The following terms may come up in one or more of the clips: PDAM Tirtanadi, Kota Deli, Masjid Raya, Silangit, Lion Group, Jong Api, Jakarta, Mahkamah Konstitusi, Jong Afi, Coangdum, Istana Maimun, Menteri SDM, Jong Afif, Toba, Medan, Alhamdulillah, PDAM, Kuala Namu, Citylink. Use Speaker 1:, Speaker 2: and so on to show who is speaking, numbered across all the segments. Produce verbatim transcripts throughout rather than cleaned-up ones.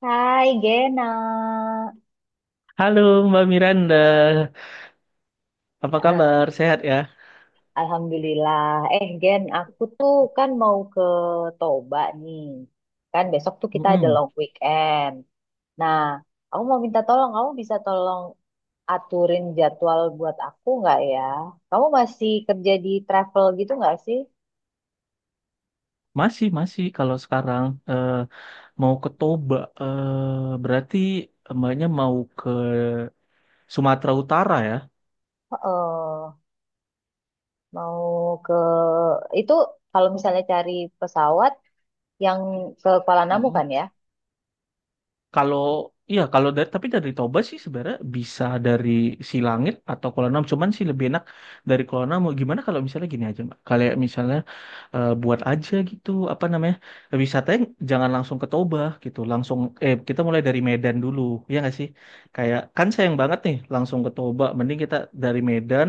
Speaker 1: Hai Gena,
Speaker 2: Halo Mbak Miranda, apa kabar? Sehat ya?
Speaker 1: Alhamdulillah. Eh Gen, aku tuh kan mau ke Toba nih. Kan besok tuh kita ada
Speaker 2: Mm-mm.
Speaker 1: long weekend. Nah, aku mau minta tolong, kamu bisa tolong aturin jadwal buat aku nggak ya? Kamu masih kerja di travel gitu nggak sih?
Speaker 2: Masih, masih. Kalau sekarang eh, mau ke Toba, eh, berarti Mbaknya mau ke Sumatera Utara ya?
Speaker 1: Heeh, mau ke itu kalau misalnya cari pesawat yang ke Kuala Namu
Speaker 2: Mm-mm.
Speaker 1: kan ya?
Speaker 2: Kalau iya, kalau dari tapi dari Toba sih sebenarnya bisa dari Silangit atau Kuala Namu. Cuman sih lebih enak dari Kuala Namu. Gimana kalau misalnya gini aja Mbak? Kalau misalnya eh, buat aja gitu apa namanya, wisatanya jangan langsung ke Toba gitu, langsung eh kita mulai dari Medan dulu, ya nggak sih? Kayak kan sayang banget nih langsung ke Toba, mending kita dari Medan,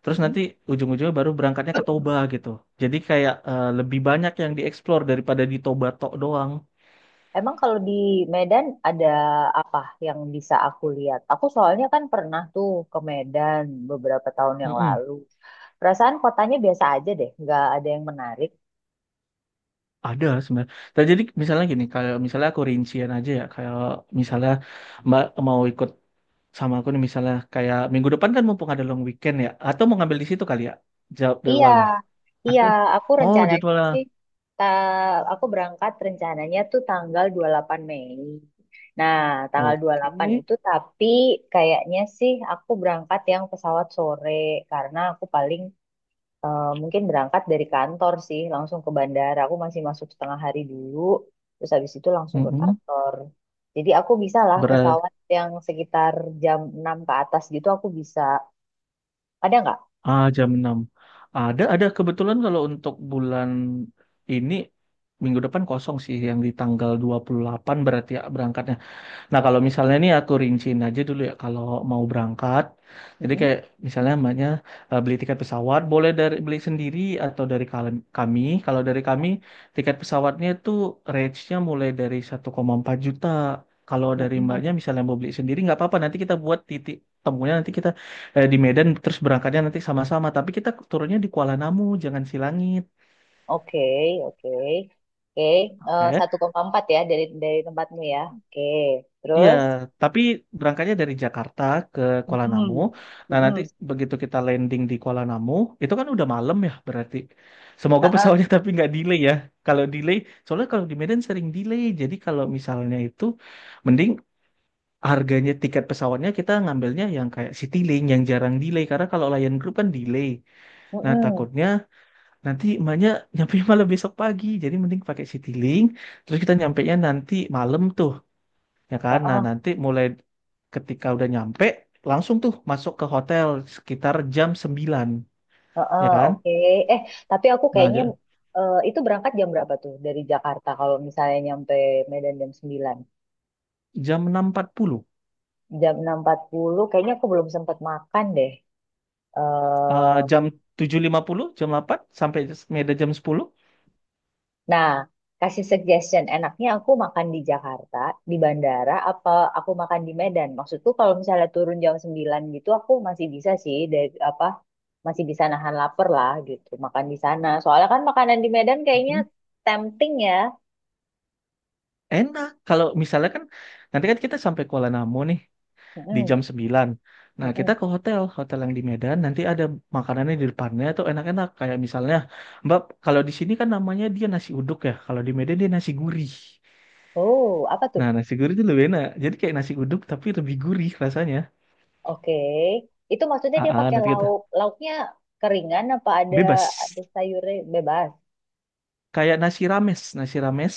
Speaker 2: terus nanti ujung-ujungnya baru berangkatnya ke Toba gitu. Jadi kayak eh, lebih banyak yang dieksplor daripada di Toba tok doang.
Speaker 1: Emang kalau di Medan ada apa yang bisa aku lihat? Aku soalnya kan pernah tuh ke Medan beberapa tahun yang
Speaker 2: Mm-mm.
Speaker 1: lalu. Perasaan kotanya biasa aja deh, nggak ada yang menarik.
Speaker 2: Ada sebenarnya. Nah jadi misalnya gini, kalau misalnya aku rincian aja ya, kalau misalnya Mbak mau ikut sama aku nih misalnya kayak minggu depan, kan mumpung ada long weekend ya, atau mau ngambil di situ kali ya, jawab
Speaker 1: Iya,
Speaker 2: jadwalnya
Speaker 1: iya,
Speaker 2: atau
Speaker 1: aku
Speaker 2: oh
Speaker 1: rencananya
Speaker 2: jadwalnya,
Speaker 1: sih, ta aku berangkat rencananya tuh tanggal dua puluh delapan Mei. Nah, tanggal
Speaker 2: oke.
Speaker 1: dua puluh delapan itu tapi kayaknya sih aku berangkat yang pesawat sore karena aku paling eh, mungkin berangkat dari kantor sih, langsung ke bandara. Aku masih masuk setengah hari dulu, terus habis itu langsung ke
Speaker 2: Mm-mm.
Speaker 1: kantor. Jadi aku bisa lah
Speaker 2: Berat.
Speaker 1: pesawat yang sekitar jam enam ke atas gitu aku bisa. Ada nggak?
Speaker 2: Ah, jam enam. Ada ada kebetulan, kalau untuk bulan ini, minggu depan kosong sih yang di tanggal dua puluh delapan, berarti ya berangkatnya. Nah, kalau misalnya ini aku rinciin aja dulu ya, kalau mau berangkat, jadi
Speaker 1: Mm-mm.
Speaker 2: kayak misalnya mbaknya eh, beli tiket pesawat, boleh dari beli sendiri atau dari kal- kami. Kalau dari kami, tiket pesawatnya itu range-nya mulai dari satu koma empat juta. Kalau dari mbaknya
Speaker 1: Mm-mm.
Speaker 2: misalnya mau beli sendiri, nggak apa-apa, nanti kita buat titik temunya, nanti kita eh, di Medan, terus berangkatnya nanti sama-sama. Tapi kita turunnya di Kuala Namu, jangan Silangit.
Speaker 1: Oke, oke. Oke. Eh,
Speaker 2: Oke.
Speaker 1: satu koma empat ya dari dari tempatmu ya. Oke,
Speaker 2: Iya,
Speaker 1: terus?
Speaker 2: tapi berangkatnya dari Jakarta ke Kuala Namu.
Speaker 1: Mm-mm.
Speaker 2: Nah, nanti
Speaker 1: Mm-mm.
Speaker 2: begitu kita landing di Kuala Namu, itu kan udah malam ya berarti. Semoga
Speaker 1: Ha-ha.
Speaker 2: pesawatnya tapi nggak delay ya. Kalau delay, soalnya kalau di Medan sering delay. Jadi kalau misalnya itu, mending harganya tiket pesawatnya kita ngambilnya yang kayak Citylink yang jarang delay. Karena kalau Lion Group kan delay. Nah,
Speaker 1: Mm-mm.
Speaker 2: takutnya nanti emaknya nyampe malam besok pagi. Jadi mending pakai Citylink. Terus kita nyampenya nanti malam tuh, ya kan? Nah,
Speaker 1: Ha-ha.
Speaker 2: nanti mulai ketika udah nyampe, langsung tuh masuk ke hotel sekitar jam sembilan,
Speaker 1: Heeh,
Speaker 2: ya kan?
Speaker 1: oke. Eh, tapi aku
Speaker 2: Nah,
Speaker 1: kayaknya
Speaker 2: ja-
Speaker 1: eh, itu berangkat jam berapa tuh dari Jakarta kalau misalnya nyampe Medan jam sembilan.
Speaker 2: jam enam lewat empat puluh,
Speaker 1: Jam enam empat puluh kayaknya aku belum sempat makan deh.
Speaker 2: eh,
Speaker 1: Eh,
Speaker 2: jam tujuh lima puluh, jam delapan, sampai Medan jam sepuluh.
Speaker 1: nah, kasih suggestion. Enaknya aku makan di Jakarta, di bandara, apa aku makan di Medan? Maksudku kalau misalnya turun jam sembilan gitu aku masih bisa sih dari apa masih bisa nahan lapar lah gitu, makan di sana. Soalnya kan makanan di Medan kayaknya
Speaker 2: Mhm.
Speaker 1: tempting ya.
Speaker 2: Enak. Kalau misalnya kan nanti kan kita sampai Kuala Namu nih di
Speaker 1: Mm-mm,
Speaker 2: jam sembilan. Nah, kita
Speaker 1: mm-mm.
Speaker 2: ke hotel, hotel yang di Medan nanti ada makanannya di depannya tuh enak-enak, kayak misalnya Mbak, kalau di sini kan namanya dia nasi uduk ya, kalau di Medan dia nasi gurih.
Speaker 1: Oh, apa tuh?
Speaker 2: Nah, nasi gurih itu lebih enak. Jadi kayak nasi uduk tapi lebih gurih rasanya.
Speaker 1: Oke. Itu maksudnya
Speaker 2: Ah,
Speaker 1: dia
Speaker 2: ah,
Speaker 1: pakai
Speaker 2: nanti kita
Speaker 1: lauk. Lauknya keringan apa ada
Speaker 2: bebas.
Speaker 1: ada sayurnya bebas?
Speaker 2: Kayak nasi rames, nasi rames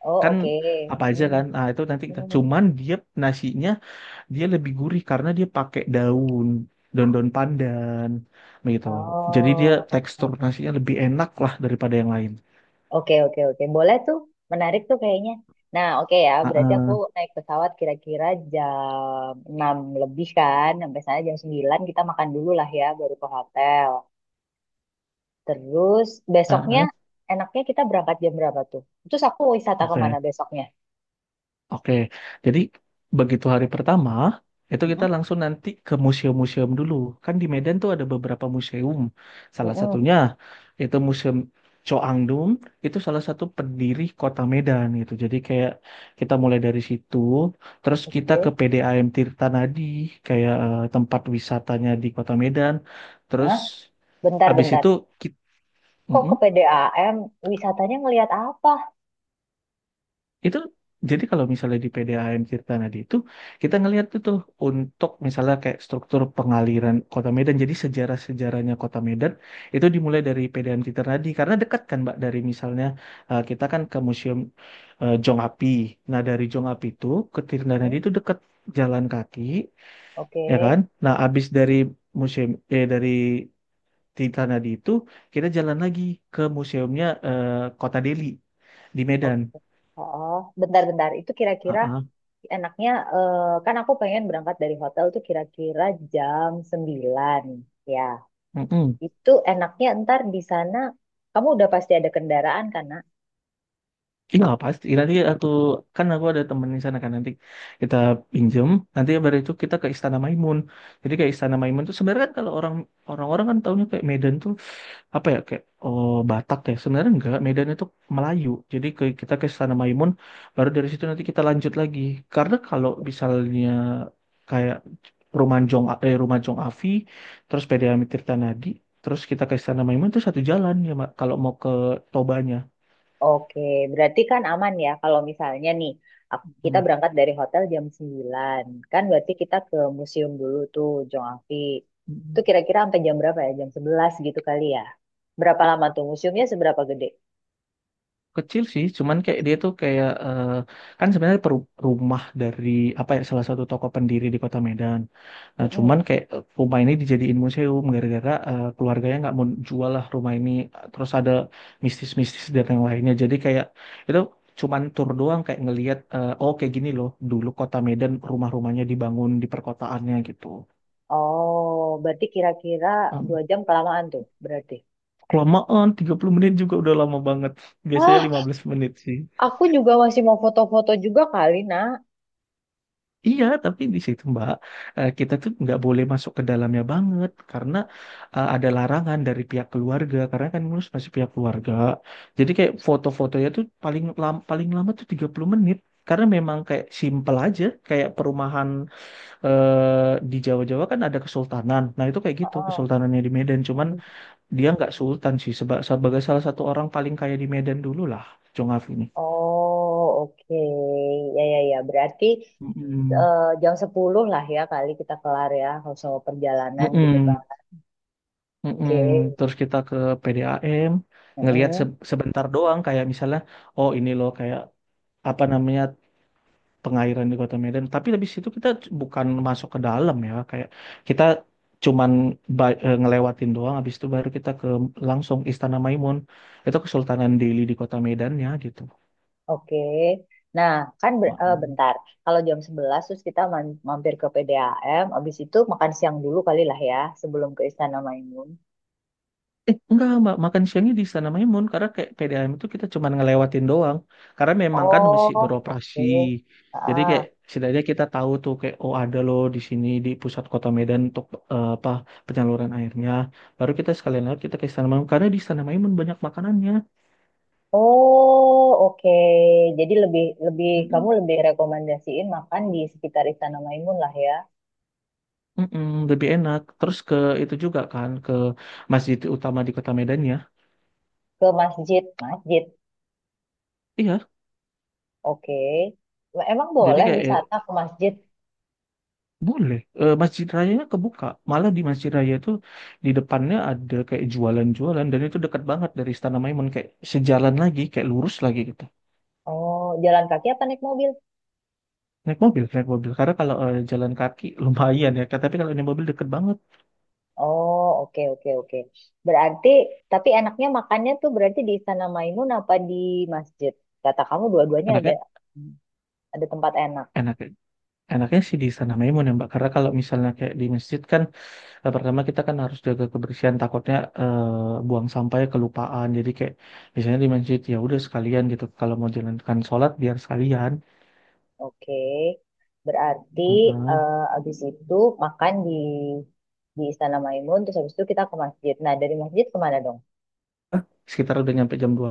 Speaker 1: Oh,
Speaker 2: kan
Speaker 1: oke.
Speaker 2: apa aja
Speaker 1: Hmm,
Speaker 2: kan? Ah, itu nanti kita.
Speaker 1: hmm.
Speaker 2: Cuman dia nasinya dia lebih gurih karena dia pakai daun, daun-daun pandan begitu. Jadi dia
Speaker 1: Oh.
Speaker 2: tekstur nasinya lebih enak lah daripada yang lain.
Speaker 1: Oke, oke, oke. Boleh tuh. Menarik tuh kayaknya. Nah, oke ya.
Speaker 2: Ah,
Speaker 1: Berarti aku
Speaker 2: ah,
Speaker 1: naik pesawat kira-kira jam enam lebih kan. Sampai sana jam sembilan kita makan dulu lah ya, baru ke hotel. Terus
Speaker 2: ah,
Speaker 1: besoknya
Speaker 2: ah.
Speaker 1: enaknya kita berangkat jam berapa tuh? Terus aku wisata kemana
Speaker 2: Oke.
Speaker 1: besoknya?
Speaker 2: Oke, jadi begitu hari pertama itu kita
Speaker 1: Mm-mm.
Speaker 2: langsung nanti ke museum-museum dulu. Kan di Medan tuh ada beberapa museum. Salah
Speaker 1: Mm-mm.
Speaker 2: satunya itu Museum Coangdum, itu salah satu pendiri kota Medan gitu. Jadi kayak kita mulai dari situ, terus kita ke
Speaker 1: Oke.
Speaker 2: P D A M Tirtanadi, kayak eh, tempat wisatanya di kota Medan. Terus
Speaker 1: Hah? Bentar,
Speaker 2: abis
Speaker 1: bentar.
Speaker 2: itu
Speaker 1: Kok ke
Speaker 2: kita,
Speaker 1: P D A M? Wisatanya ngelihat apa?
Speaker 2: Itu jadi kalau misalnya di P D A M Tirta Nadi itu kita ngelihat tuh tuh untuk misalnya kayak struktur pengaliran Kota Medan. Jadi sejarah-sejarahnya Kota Medan itu dimulai dari P D A M Tirta Nadi karena dekat kan Mbak, dari misalnya eh, kita kan ke Museum eh, Jong Api. Nah, dari Jong Api itu ke Tirta
Speaker 1: Hmm,
Speaker 2: Nadi itu dekat, jalan kaki,
Speaker 1: oke.
Speaker 2: ya kan? Nah, abis dari museum eh dari Tirta Nadi itu kita jalan lagi ke museumnya eh, Kota Deli di
Speaker 1: Oke.
Speaker 2: Medan.
Speaker 1: Oh, bentar, bentar. Itu
Speaker 2: Ah,
Speaker 1: kira-kira
Speaker 2: ah.
Speaker 1: enaknya, eh, kan aku pengen berangkat dari hotel tuh kira-kira jam sembilan. Ya,
Speaker 2: Mm-mm.
Speaker 1: itu enaknya ntar di sana, kamu udah pasti ada kendaraan kan?
Speaker 2: Iya pasti, nanti aku, kan aku ada temen di sana kan, nanti kita pinjem, nanti baru itu kita ke Istana Maimun. Jadi kayak Istana Maimun tuh sebenarnya kan, kalau orang orang-orang kan taunya kayak Medan tuh apa ya, kayak oh, Batak ya, sebenarnya enggak, Medan itu Melayu. Jadi ke, kita ke Istana Maimun, baru dari situ nanti kita lanjut lagi. Karena kalau misalnya kayak Rumah Jong eh, Rumah Jong Afi terus P D A M Tirta Nadi terus kita ke Istana Maimun itu satu jalan ya Mak, kalau mau ke Tobanya.
Speaker 1: Oke, berarti kan aman ya kalau misalnya nih ak- kita
Speaker 2: Hmm.
Speaker 1: berangkat dari hotel jam sembilan. Kan berarti kita ke museum dulu tuh Jong Afi. Itu kira-kira sampai jam berapa ya? Jam sebelas gitu kali ya. Berapa lama tuh museumnya seberapa gede?
Speaker 2: Kecil sih, cuman kayak dia tuh kayak eh, kan sebenarnya peru- rumah dari apa ya, salah satu tokoh pendiri di Kota Medan. Nah
Speaker 1: Mm-mm.
Speaker 2: cuman kayak eh, rumah ini dijadiin museum gara-gara eh, keluarganya nggak mau jual lah rumah ini. Terus ada mistis-mistis dan yang lainnya, jadi kayak itu cuman tur doang, kayak ngelihat eh, oh kayak gini loh dulu Kota Medan rumah-rumahnya dibangun di perkotaannya gitu.
Speaker 1: Oh, berarti kira-kira
Speaker 2: Em,
Speaker 1: dua jam kelamaan tuh berarti.
Speaker 2: Kelamaan tiga puluh menit juga udah lama banget, biasanya
Speaker 1: Wah,
Speaker 2: lima belas menit sih.
Speaker 1: aku juga masih mau foto-foto juga kali, Nak.
Speaker 2: Iya, tapi di situ Mbak, eh, kita tuh nggak boleh masuk ke dalamnya banget karena eh, ada larangan dari pihak keluarga, karena kan ngurus masih pihak keluarga. Jadi kayak foto-fotonya tuh paling lam- paling lama tuh tiga puluh menit, karena memang kayak simpel aja, kayak perumahan eh, di Jawa-Jawa kan ada kesultanan. Nah, itu kayak gitu
Speaker 1: Heeh.
Speaker 2: kesultanannya di Medan, cuman dia nggak sultan sih, seba- sebagai salah satu orang paling kaya di Medan dulu lah, Jong Afif ini.
Speaker 1: Oh, oke. Ya, ya, ya. Berarti
Speaker 2: Mm-mm.
Speaker 1: eh, jam sepuluh lah ya kali kita kelar ya kalau soal perjalanan gitu kan.
Speaker 2: Mm-mm. Mm-mm.
Speaker 1: Oke.
Speaker 2: Terus kita ke P D A M, ngelihat
Speaker 1: Mm-mm.
Speaker 2: se- sebentar doang kayak misalnya, oh ini loh kayak apa namanya, pengairan di Kota Medan. Tapi habis itu kita c- bukan masuk ke dalam ya, kayak kita cuman ba- eh, ngelewatin doang. Habis itu baru kita ke langsung Istana Maimun. Itu Kesultanan Delhi di Kota Medannya gitu.
Speaker 1: Oke. Nah, kan ber- eh, bentar. Kalau jam sebelas terus kita man- mampir ke P D A M, habis itu makan siang dulu kali lah ya sebelum ke Istana Maimun.
Speaker 2: Eh, enggak, Mbak. Makan siangnya di Istana Maimun. Karena kayak P D A M itu kita cuma ngelewatin doang. Karena memang kan masih
Speaker 1: Oh,
Speaker 2: beroperasi.
Speaker 1: oke.
Speaker 2: Jadi
Speaker 1: Ah.
Speaker 2: kayak setidaknya kita tahu tuh, kayak oh ada loh di sini di pusat kota Medan untuk eh, apa, penyaluran airnya. Baru kita sekalian lewat kita ke Istana Maimun. Karena di Istana Maimun banyak makanannya.
Speaker 1: Oh, oke. Jadi lebih lebih kamu
Speaker 2: Mm-mm.
Speaker 1: lebih rekomendasiin makan di sekitar Istana Maimun lah ya,
Speaker 2: Mm-mm, lebih enak. Terus ke itu juga kan ke masjid utama di kota Medan ya.
Speaker 1: ke masjid, masjid.
Speaker 2: Iya.
Speaker 1: Oke. Emang
Speaker 2: Jadi
Speaker 1: boleh wisata
Speaker 2: kayak,
Speaker 1: ke masjid?
Speaker 2: boleh. Eh, Masjid Rayanya kebuka. Malah di Masjid Raya itu di depannya ada kayak jualan-jualan, dan itu dekat banget dari Istana Maimun, kayak sejalan lagi, kayak lurus lagi gitu.
Speaker 1: Oh, jalan kaki apa naik mobil?
Speaker 2: Naik mobil, naik mobil. Karena kalau eh, jalan kaki lumayan ya, tapi kalau naik mobil deket banget.
Speaker 1: Oh, oke, oke, oke. Berarti, tapi enaknya makannya tuh berarti di Istana Maimun apa di masjid? Kata kamu dua-duanya ada
Speaker 2: Enaknya,
Speaker 1: ada tempat enak.
Speaker 2: enaknya, enaknya sih di Istana Maimun ya Mbak. Karena kalau misalnya kayak di masjid kan, eh, pertama kita kan harus jaga kebersihan. Takutnya eh, buang sampahnya kelupaan. Jadi kayak misalnya di masjid ya udah sekalian gitu. Kalau mau jalankan sholat biar sekalian.
Speaker 1: Oke. Berarti
Speaker 2: Heeh.
Speaker 1: eh, habis itu makan di di Istana Maimun, terus habis itu kita ke masjid. Nah, dari masjid kemana dong?
Speaker 2: Sekitar udah nyampe jam dua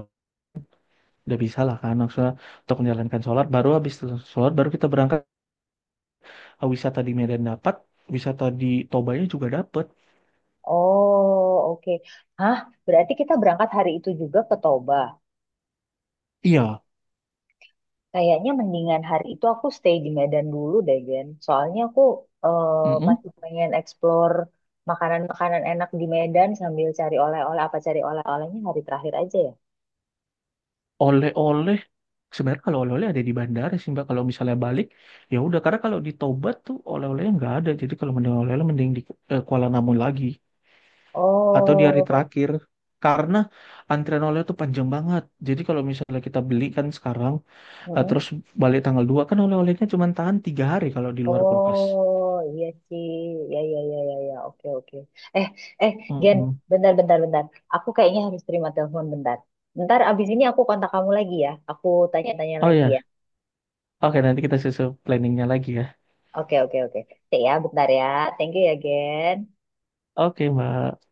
Speaker 2: udah bisa lah kan, maksudnya untuk menjalankan sholat, baru habis sholat baru kita berangkat. Ah, wisata di Medan dapat, wisata di Tobanya juga dapat.
Speaker 1: Oh, oke. Hah, berarti kita berangkat hari itu juga ke Toba.
Speaker 2: Iya.
Speaker 1: Kayaknya mendingan hari itu aku stay di Medan dulu deh, Gen. Soalnya aku eh,
Speaker 2: Mm-mm.
Speaker 1: masih pengen explore makanan-makanan enak di Medan sambil cari oleh-oleh. Apa cari oleh-olehnya hari terakhir aja ya?
Speaker 2: Oleh-oleh, sebenarnya kalau oleh-oleh ada di bandara sih Mbak, kalau misalnya balik, ya udah, karena kalau di Toba tuh oleh-olehnya nggak ada. Jadi kalau mending oleh-oleh, mending di eh, Kuala Namu lagi atau di hari
Speaker 1: Oh,
Speaker 2: terakhir, karena antrian oleh tuh panjang banget. Jadi kalau misalnya kita beli kan sekarang, nah, terus
Speaker 1: mm-mm.
Speaker 2: balik tanggal dua, kan oleh-olehnya cuma tahan tiga hari kalau di luar kulkas.
Speaker 1: Oh, iya sih. Ya, ya, ya, ya, ya. Oke, oke. Eh, eh, Gen,
Speaker 2: Mm-mm.
Speaker 1: bentar, bentar, bentar. Aku kayaknya harus terima telepon bentar. Bentar, abis ini aku kontak kamu lagi ya. Aku tanya-tanya
Speaker 2: Oh
Speaker 1: lagi
Speaker 2: ya,
Speaker 1: ya.
Speaker 2: oke, nanti kita susun planningnya lagi ya.
Speaker 1: Oke, oke, oke. Oke ya, bentar ya. Thank you ya, Gen.
Speaker 2: Oke Mbak.